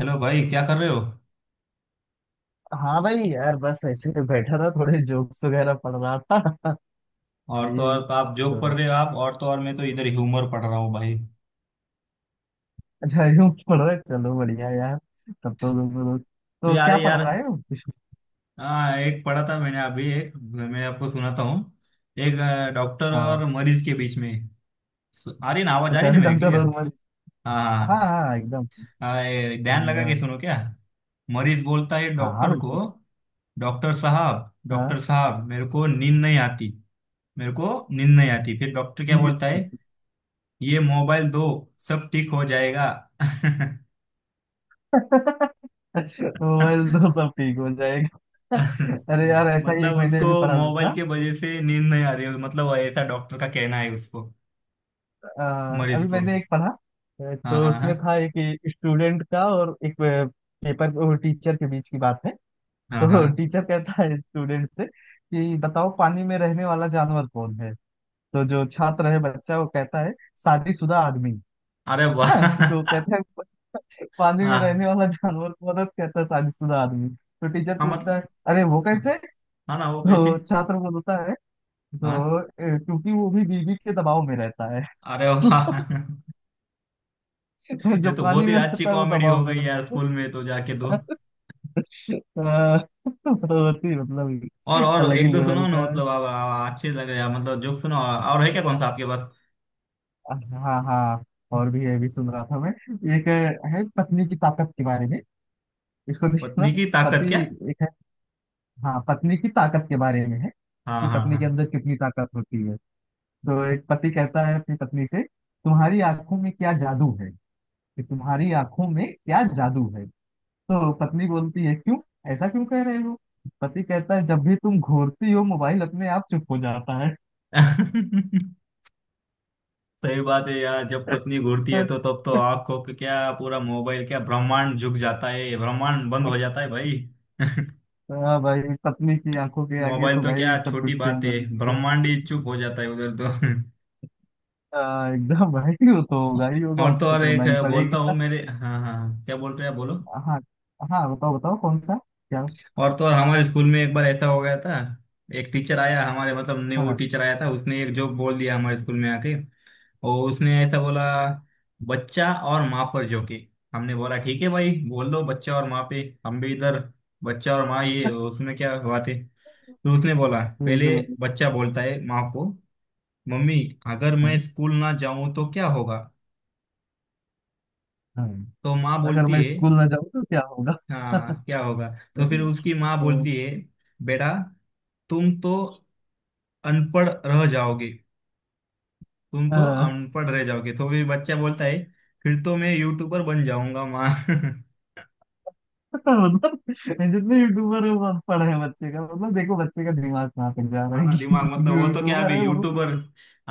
Hello भाई, क्या कर रहे हो। हाँ भाई, यार बस ऐसे ही बैठा था, थोड़े जोक्स वगैरह पढ़ रहा था। वही और तो आप जोक पढ़ तो। रहे हो, आप और तो और मैं तो इधर ह्यूमर पढ़ रहा हूँ भाई। अच्छा, यूं पढ़ रहे, चलो बढ़िया यार। तब तो तुम लोग। तो तो यार क्या पढ़ यार रहे हो कुछ? हाँ, एक पढ़ा था मैंने अभी, एक मैं आपको सुनाता हूँ। एक डॉक्टर हाँ। और मरीज के बीच में। आ रही ना आवाज, आ अच्छा, रही ना मेरी डॉक्टर क्लियर। रोजमर्री। हाँ हाँ, हाँ एकदम सही। हाँ हाँ, ये ध्यान लगा बढ़िया। के सुनो क्या। मरीज बोलता है हाँ हाँ डॉक्टर को, बिल्कुल। हाँ डॉक्टर साहब मेरे को नींद नहीं आती, मेरे को नींद नहीं आती, फिर डॉक्टर क्या जी। बोलता है। ये मोबाइल दो, सब ठीक हो जाएगा। मोबाइल तो सब ठीक हो जाएगा। अरे यार, ऐसा ही मतलब एक मैंने उसको अभी पढ़ा था। मोबाइल के वजह से नींद नहीं आ रही है, मतलब ऐसा डॉक्टर का कहना है उसको, मरीज अभी को। मैंने एक पढ़ा, हाँ तो हाँ उसमें हाँ। था एक स्टूडेंट का और एक पेपर टीचर के बीच की बात है। हाँ हाँ। तो टीचर कहता है स्टूडेंट से कि बताओ, पानी में रहने वाला जानवर कौन है? तो जो छात्र है, बच्चा, वो कहता है शादीशुदा आदमी। अरे वाह हाँ, तो कहता है पानी में हाँ रहने वाला जानवर कौन है?" तो कहता है शादीशुदा आदमी। तो टीचर हाँ, पूछता मतलब है अरे वो कैसे? हाँ ना, वो कैसे। तो छात्र बोलता है, तो हाँ। क्योंकि वो भी बीवी के दबाव में रहता है।" अरे वाह तो ये जो तो पानी बहुत ही में अच्छी रहता है वो कॉमेडी हो दबाव में गई यार, रहता स्कूल में तो जाके तो। है। अ, बहुत ही मतलब और अलग एक ही दो लेवल सुनो ना, का है। मतलब आप अच्छे लग रहे हैं, मतलब जोक सुनो, और है क्या, कौन सा आपके पास। हाँ हाँ। और भी ये भी सुन रहा था मैं। एक है पत्नी की ताकत के बारे में। इसको देखना। पत्नी की ताकत पति। क्या। एक है। हाँ, पत्नी की ताकत के बारे में है हाँ कि पत्नी हाँ के अंदर कितनी ताकत होती है। तो एक पति कहता है अपनी पत्नी से, तुम्हारी आंखों में क्या जादू है? कि तुम्हारी आंखों में क्या जादू है? तो पत्नी बोलती है क्यों, ऐसा क्यों कह रहे हो? पति कहता है जब भी तुम घूरती हो, मोबाइल अपने आप चुप हो जाता है। हाँ सही बात है यार, जब पत्नी घूरती है तो तब तो आंख को क्या, पूरा मोबाइल क्या, ब्रह्मांड झुक जाता है, ब्रह्मांड बंद हो जाता है भाई हाँ भाई। पत्नी की आंखों के आगे मोबाइल तो तो क्या भाई सब कुछ छोटी फेल बात हो है, जाएगा। ब्रह्मांड ही चुप हो जाता है उधर तो हाँ, एकदम भाई, वो तो होगा ही होगा, और तो उसको और तो होना एक ही बोलता हूँ पड़ेगा। मेरे, हाँ हाँ क्या बोल रहे हैं आप, बोलो। हाँ हाँ, बताओ बताओ कौन सा? क्या? और तो और हमारे स्कूल में एक बार ऐसा हो गया था। एक टीचर आया हमारे, मतलब न्यू हाँ टीचर आया था, उसने एक जोक बोल दिया हमारे स्कूल में आके। और उसने ऐसा बोला, बच्चा और माँ पर जोके। हमने बोला ठीक है भाई, बोल दो बच्चा और माँ पे, हम भी इधर। बच्चा और माँ, ये उसमें क्या बात है, तो उसने बोला, बिल्कुल पहले बिल्कुल। बच्चा बोलता है माँ को, मम्मी अगर हाँ मैं स्कूल ना जाऊं तो क्या होगा। हाँ। तो माँ अगर बोलती मैं है, स्कूल ना जाऊँ तो क्या होगा? हाँ क्या होगा, तो फिर उसकी माँ बोलती है, बेटा तुम तो अनपढ़ रह जाओगे, तुम हाँ तो हाँ, अनपढ़ रह जाओगे, तो फिर बच्चा बोलता है, फिर तो मैं यूट्यूबर बन जाऊंगा माँ मतलब जितने यूट्यूबर है वो अनपढ़ है बच्चे का मतलब, देखो बच्चे का दिमाग कहाँ तक जा रहा हाँ है ना, कि दिमाग मतलब जो वो तो क्या, यूट्यूबर अभी है वो। यूट्यूबर,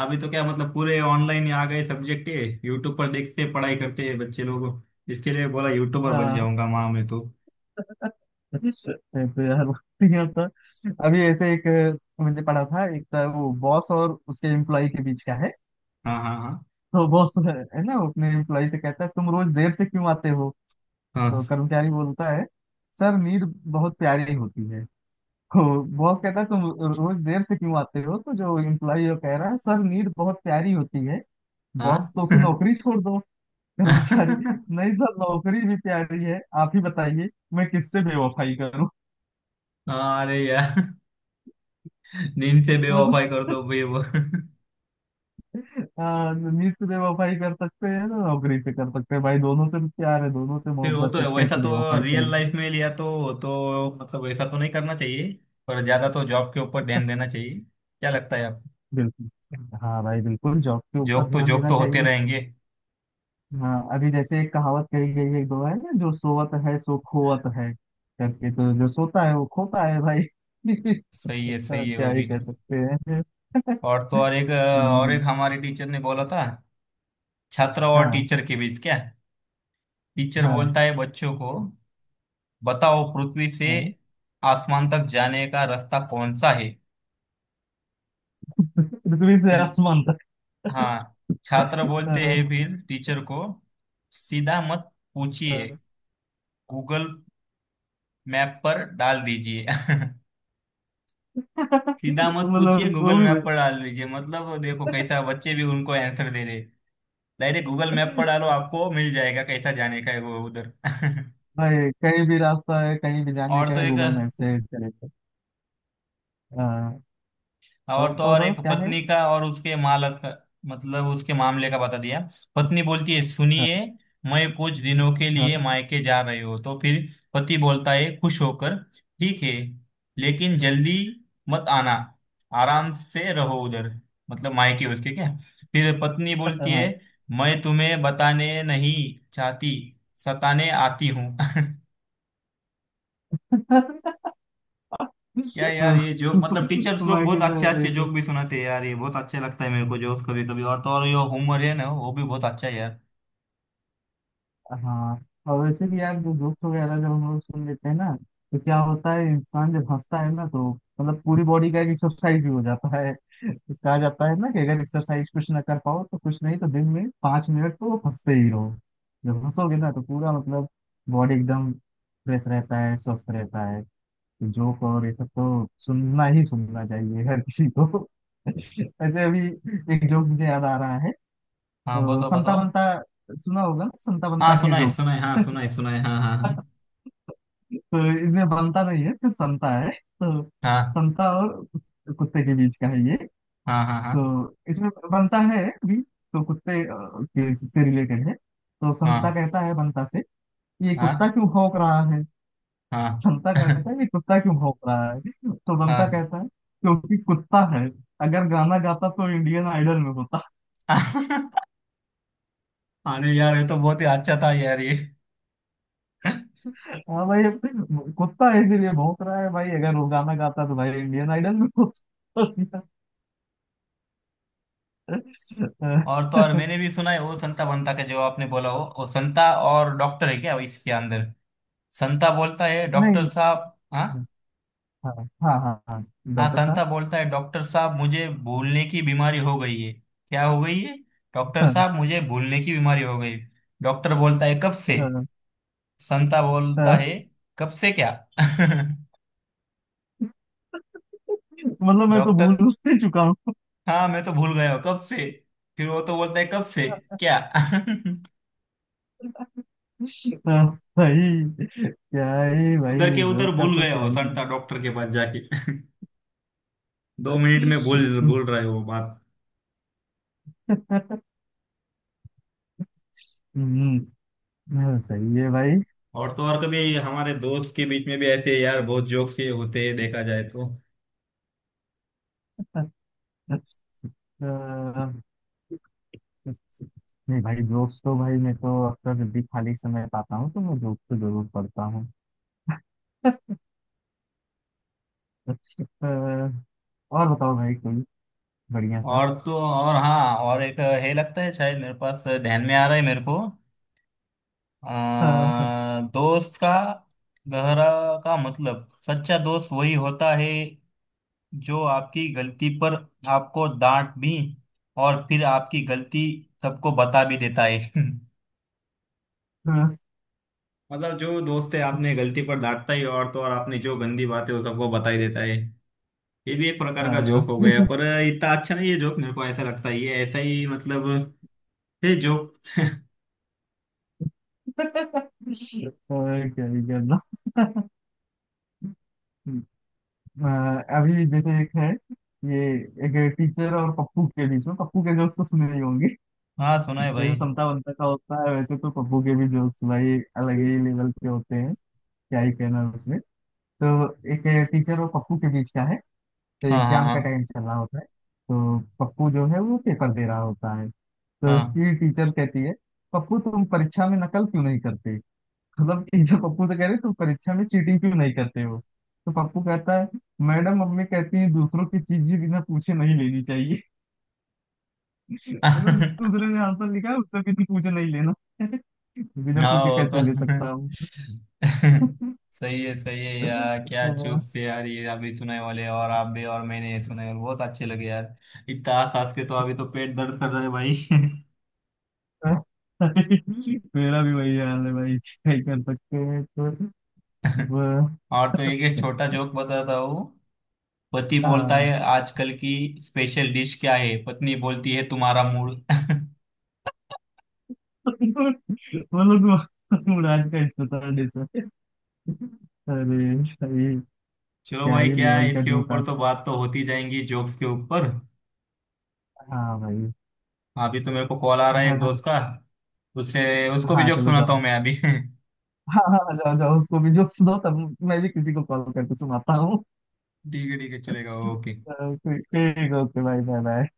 अभी तो क्या मतलब पूरे ऑनलाइन आ गए सब्जेक्ट है, यूट्यूब पर देखते पढ़ाई करते हैं बच्चे लोग, इसके लिए बोला यूट्यूबर बन हाँ। जाऊंगा माँ मैं तो। यार यहाँ तो अभी ऐसे एक मैंने पढ़ा था, एक था वो बॉस और उसके एम्प्लॉय के बीच का है। हाँ हाँ तो बॉस है ना, वो अपने एम्प्लॉय से कहता है तुम रोज देर से क्यों आते हो? तो हाँ। कर्मचारी बोलता है सर नींद बहुत प्यारी होती है। तो बॉस कहता है तुम रोज देर से क्यों आते हो? तो जो एम्प्लॉय वो कह रहा है सर नींद बहुत प्यारी होती है। बॉस, तो फिर हाँ नौकरी छोड़ दो। कर्मचारी, हाँ नहीं सर, नौकरी भी प्यारी है, आप ही बताइए मैं किससे बेवफाई करूं? अरे यार, नींद से तो बेवफाई कर दो भाई वो हाँ, तो नीच से बेवफाई कर सकते हैं ना, नौकरी से कर सकते हैं, भाई दोनों से प्यार है, दोनों से फिर वो तो मोहब्बत है, है, वैसा कैसे तो बेवफाई रियल करेंगे? लाइफ में लिया तो मतलब वैसा तो नहीं करना चाहिए, पर ज्यादा तो जॉब के ऊपर ध्यान देना चाहिए, क्या लगता है आपको। बिल्कुल। हाँ भाई, बिल्कुल जॉब के ऊपर जॉब तो ध्यान जॉब देना तो होते चाहिए। रहेंगे। हाँ, अभी जैसे एक कहावत कही गई है एक दो है ना, जो सोवत है सो खोवत है। करके, तो जो सोता है वो खोता है भाई। सही हाँ, है क्या वो ही भी। कह सकते हैं। और तो और एक और एक हम्म, हमारे टीचर ने बोला था, छात्र और हाँ टीचर के बीच क्या। टीचर हाँ बोलता है बच्चों को, बताओ पृथ्वी से हाँ। आसमान तक जाने का रास्ता कौन सा है। पृथ्वी से फिर आसमान तक। हाँ छात्र बोलते हैं हाँ, फिर टीचर को, सीधा मत पूछिए, हाँ। गूगल मैप पर डाल दीजिए सीधा मत पूछिए मतलब वो गूगल मैप भी। पर डाल दीजिए, मतलब देखो कैसा बच्चे भी उनको आंसर दे दे, डायरेक्ट गूगल मैप पर डालो आपको मिल जाएगा कैसा जाने का है वो उधर भाई कहीं भी रास्ता है, कहीं भी जाने और का तो है, एक, गूगल मैप से चलेगा। हाँ। तो और तो तो और तो एक क्या है? पत्नी का और उसके मालक, मतलब उसके मामले का बता दिया। पत्नी बोलती है, हाँ सुनिए मैं कुछ दिनों के हाँ लिए मायके जा रही हूँ, तो फिर पति बोलता है खुश होकर, ठीक है लेकिन जल्दी मत आना, आराम से रहो उधर, मतलब मायके उसके क्या। फिर पत्नी बोलती है, हाँ। मैं तुम्हें बताने नहीं चाहती, सताने आती हूँ क्या यार हाँ। ये जोक, मतलब टीचर्स लोग मैं बहुत क्या कह अच्छे रहा अच्छे हूँ, जोक भी सुनाते हैं यार, ये बहुत अच्छे लगता है मेरे को जोक्स कभी कभी, और तो और ये होमवर्क है ना, वो भी बहुत अच्छा है यार। हाँ, और वैसे भी यार जो जोक्स वगैरह जब हम लोग सुन लेते हैं ना, तो क्या होता है, इंसान जब हंसता है ना तो मतलब पूरी बॉडी का एक एक्सरसाइज भी हो जाता है। तो कहा जाता है ना कि अगर एक्सरसाइज कुछ ना कर पाओ तो कुछ नहीं तो दिन में 5 मिनट तो हंसते ही रहो। जब हंसोगे ना तो पूरा मतलब बॉडी एकदम फ्रेश रहता है, स्वस्थ रहता है। जोक और ये सब तो सुनना ही सुनना चाहिए हर किसी को। ऐसे अभी एक जोक मुझे याद आ रहा है। हाँ तो बताओ संता बताओ। बंता, सुना होगा ना संता बंता हाँ के सुनाए जोक्स? सुनाए, हाँ सुनाए सुनाए, हाँ हाँ तो इसमें बनता नहीं है, सिर्फ संता है। तो संता और कुत्ते के बीच का है ये। हाँ। हाँ तो हाँ इसमें बनता है भी, तो कुत्ते के से रिलेटेड है। तो संता हाँ। कहता है बनता से ये हाँ कुत्ता हाँ क्यों भौंक रहा है? हाँ संता कहता है ये कुत्ता क्यों भौंक रहा है? तो बनता हाँ कहता है क्योंकि कुत्ता है, अगर गाना गाता तो इंडियन आइडल में होता। हाँ। अरे यार ये तो बहुत ही अच्छा था यार ये। हाँ भाई, अब कुत्ता इसीलिए भौंक रहा है भाई, अगर वो गाना गाता तो भाई इंडियन आइडल में होता। और तो और मैंने भी सुना है वो संता बंता का, जो आपने बोला वो संता और डॉक्टर है क्या इसके अंदर। संता बोलता है, डॉक्टर नहीं। साहब, हाँ हम्म, हाँ हाँ हाँ। हाँ, हाँ, डॉक्टर संता साहब। बोलता है, डॉक्टर साहब मुझे भूलने की बीमारी हो गई है, क्या हो गई है, डॉक्टर हाँ, साहब मुझे भूलने की बीमारी हो गई। डॉक्टर बोलता है, कब से। हाँ, संता बोलता हाँ, है, कब से क्या मतलब मैं तो डॉक्टर, भूल ही चुका हूँ। हाँ मैं तो भूल गया हूँ कब से, फिर वो तो बोलता है कब से क्या हाँ, भाई क्या है भाई, उधर के उधर जोक का भूल तो गया क्या वो ही। संता डॉक्टर के पास जाके दो मिनट में भूल भूल रहे हो बात। हम्म। हाँ, सही है भाई। और तो और कभी हमारे दोस्त के बीच में भी ऐसे यार बहुत जोक्स ये होते हैं देखा जाए तो। अह, नहीं भाई, जोक्स तो भाई मैं तो अक्सर जब भी खाली समय पाता हूँ तो मैं जोक तो जरूर पढ़ता हूँ। अह, और बताओ भाई कोई बढ़िया सा। और तो और हाँ और एक है लगता है, शायद मेरे पास ध्यान में आ रहा है मेरे को, अह, दोस्त का गहरा का मतलब, सच्चा दोस्त वही होता है जो आपकी गलती पर आपको डांट भी, और फिर आपकी गलती सबको बता भी देता है अह, मतलब जो दोस्त है आपने गलती पर डांटता ही, और तो और आपने जो गंदी बातें वो सबको बता ही देता है। ये भी एक प्रकार का जोक हो गया, अह, पर इतना अच्छा नहीं है जोक मेरे को ऐसा लगता है, ये ऐसा ही मतलब है जोक और क्या ही करना। अभी जैसे एक है, ये एक टीचर और पप्पू के बीच में। पप्पू के जोक्स तो सुने ही होंगे। हाँ सुना है जैसे भाई। समता बनता का होता है, वैसे तो पप्पू के भी जोक्स भाई अलग ही लेवल के होते हैं। क्या ही कहना उसमें। तो एक टीचर और पप्पू के बीच का है। तो हाँ एग्जाम का हाँ टाइम चल रहा होता है। तो पप्पू जो है वो पेपर दे रहा होता है। तो हाँ उसकी टीचर कहती है पप्पू तुम परीक्षा में नकल क्यों नहीं करते? मतलब कि जब पप्पू से कह रहे तुम परीक्षा में चीटिंग क्यों नहीं करते हो? तो पप्पू कहता है मैडम मम्मी कहती है दूसरों की चीजें बिना पूछे नहीं लेनी चाहिए। मतलब हाँ दूसरे ने आंसर लिखा है उससे बिना पूछे नहीं लेना। बिना हाँ पूछे वो कैसे ले सकता तो हूँ? सही है यार, क्या जोक से यार, ये अभी सुनाए वाले और आप भी और मैंने ये सुनाए बहुत अच्छे लगे यार। इतना हंस हंस के तो अभी तो पेट दर्द कर रहा है भाई हाँ। मेरा भी वही हाल है भाई, क्या ही कर सकते हैं। तो वह- और तो एक एक छोटा जोक बताता हूँ। पति बोलता है, हाँ। आजकल की स्पेशल डिश क्या है, पत्नी बोलती है, तुम्हारा मूड मतलब तुम राज का स्पेशल डिश है? अरे भाई, चलो क्या भाई, ही क्या लेवल है का इसके जोक ऊपर आज। तो, बात तो होती जाएंगी जोक्स के ऊपर। हाँ भाई। अभी तो मेरे को कॉल आ रहा है एक हाँ दोस्त का, उससे उसको भी हाँ, जोक चलो सुनाता जाओ। हूँ मैं अभी ठीक हाँ हाँ हाँ, जाओ जाओ उसको भी जोक सुनो तब, मैं भी किसी को कॉल करके सुनाता हूँ। है, ठीक है, चलेगा, ओके। तो ठीक ठीक, ओके भाई, बाय बाय।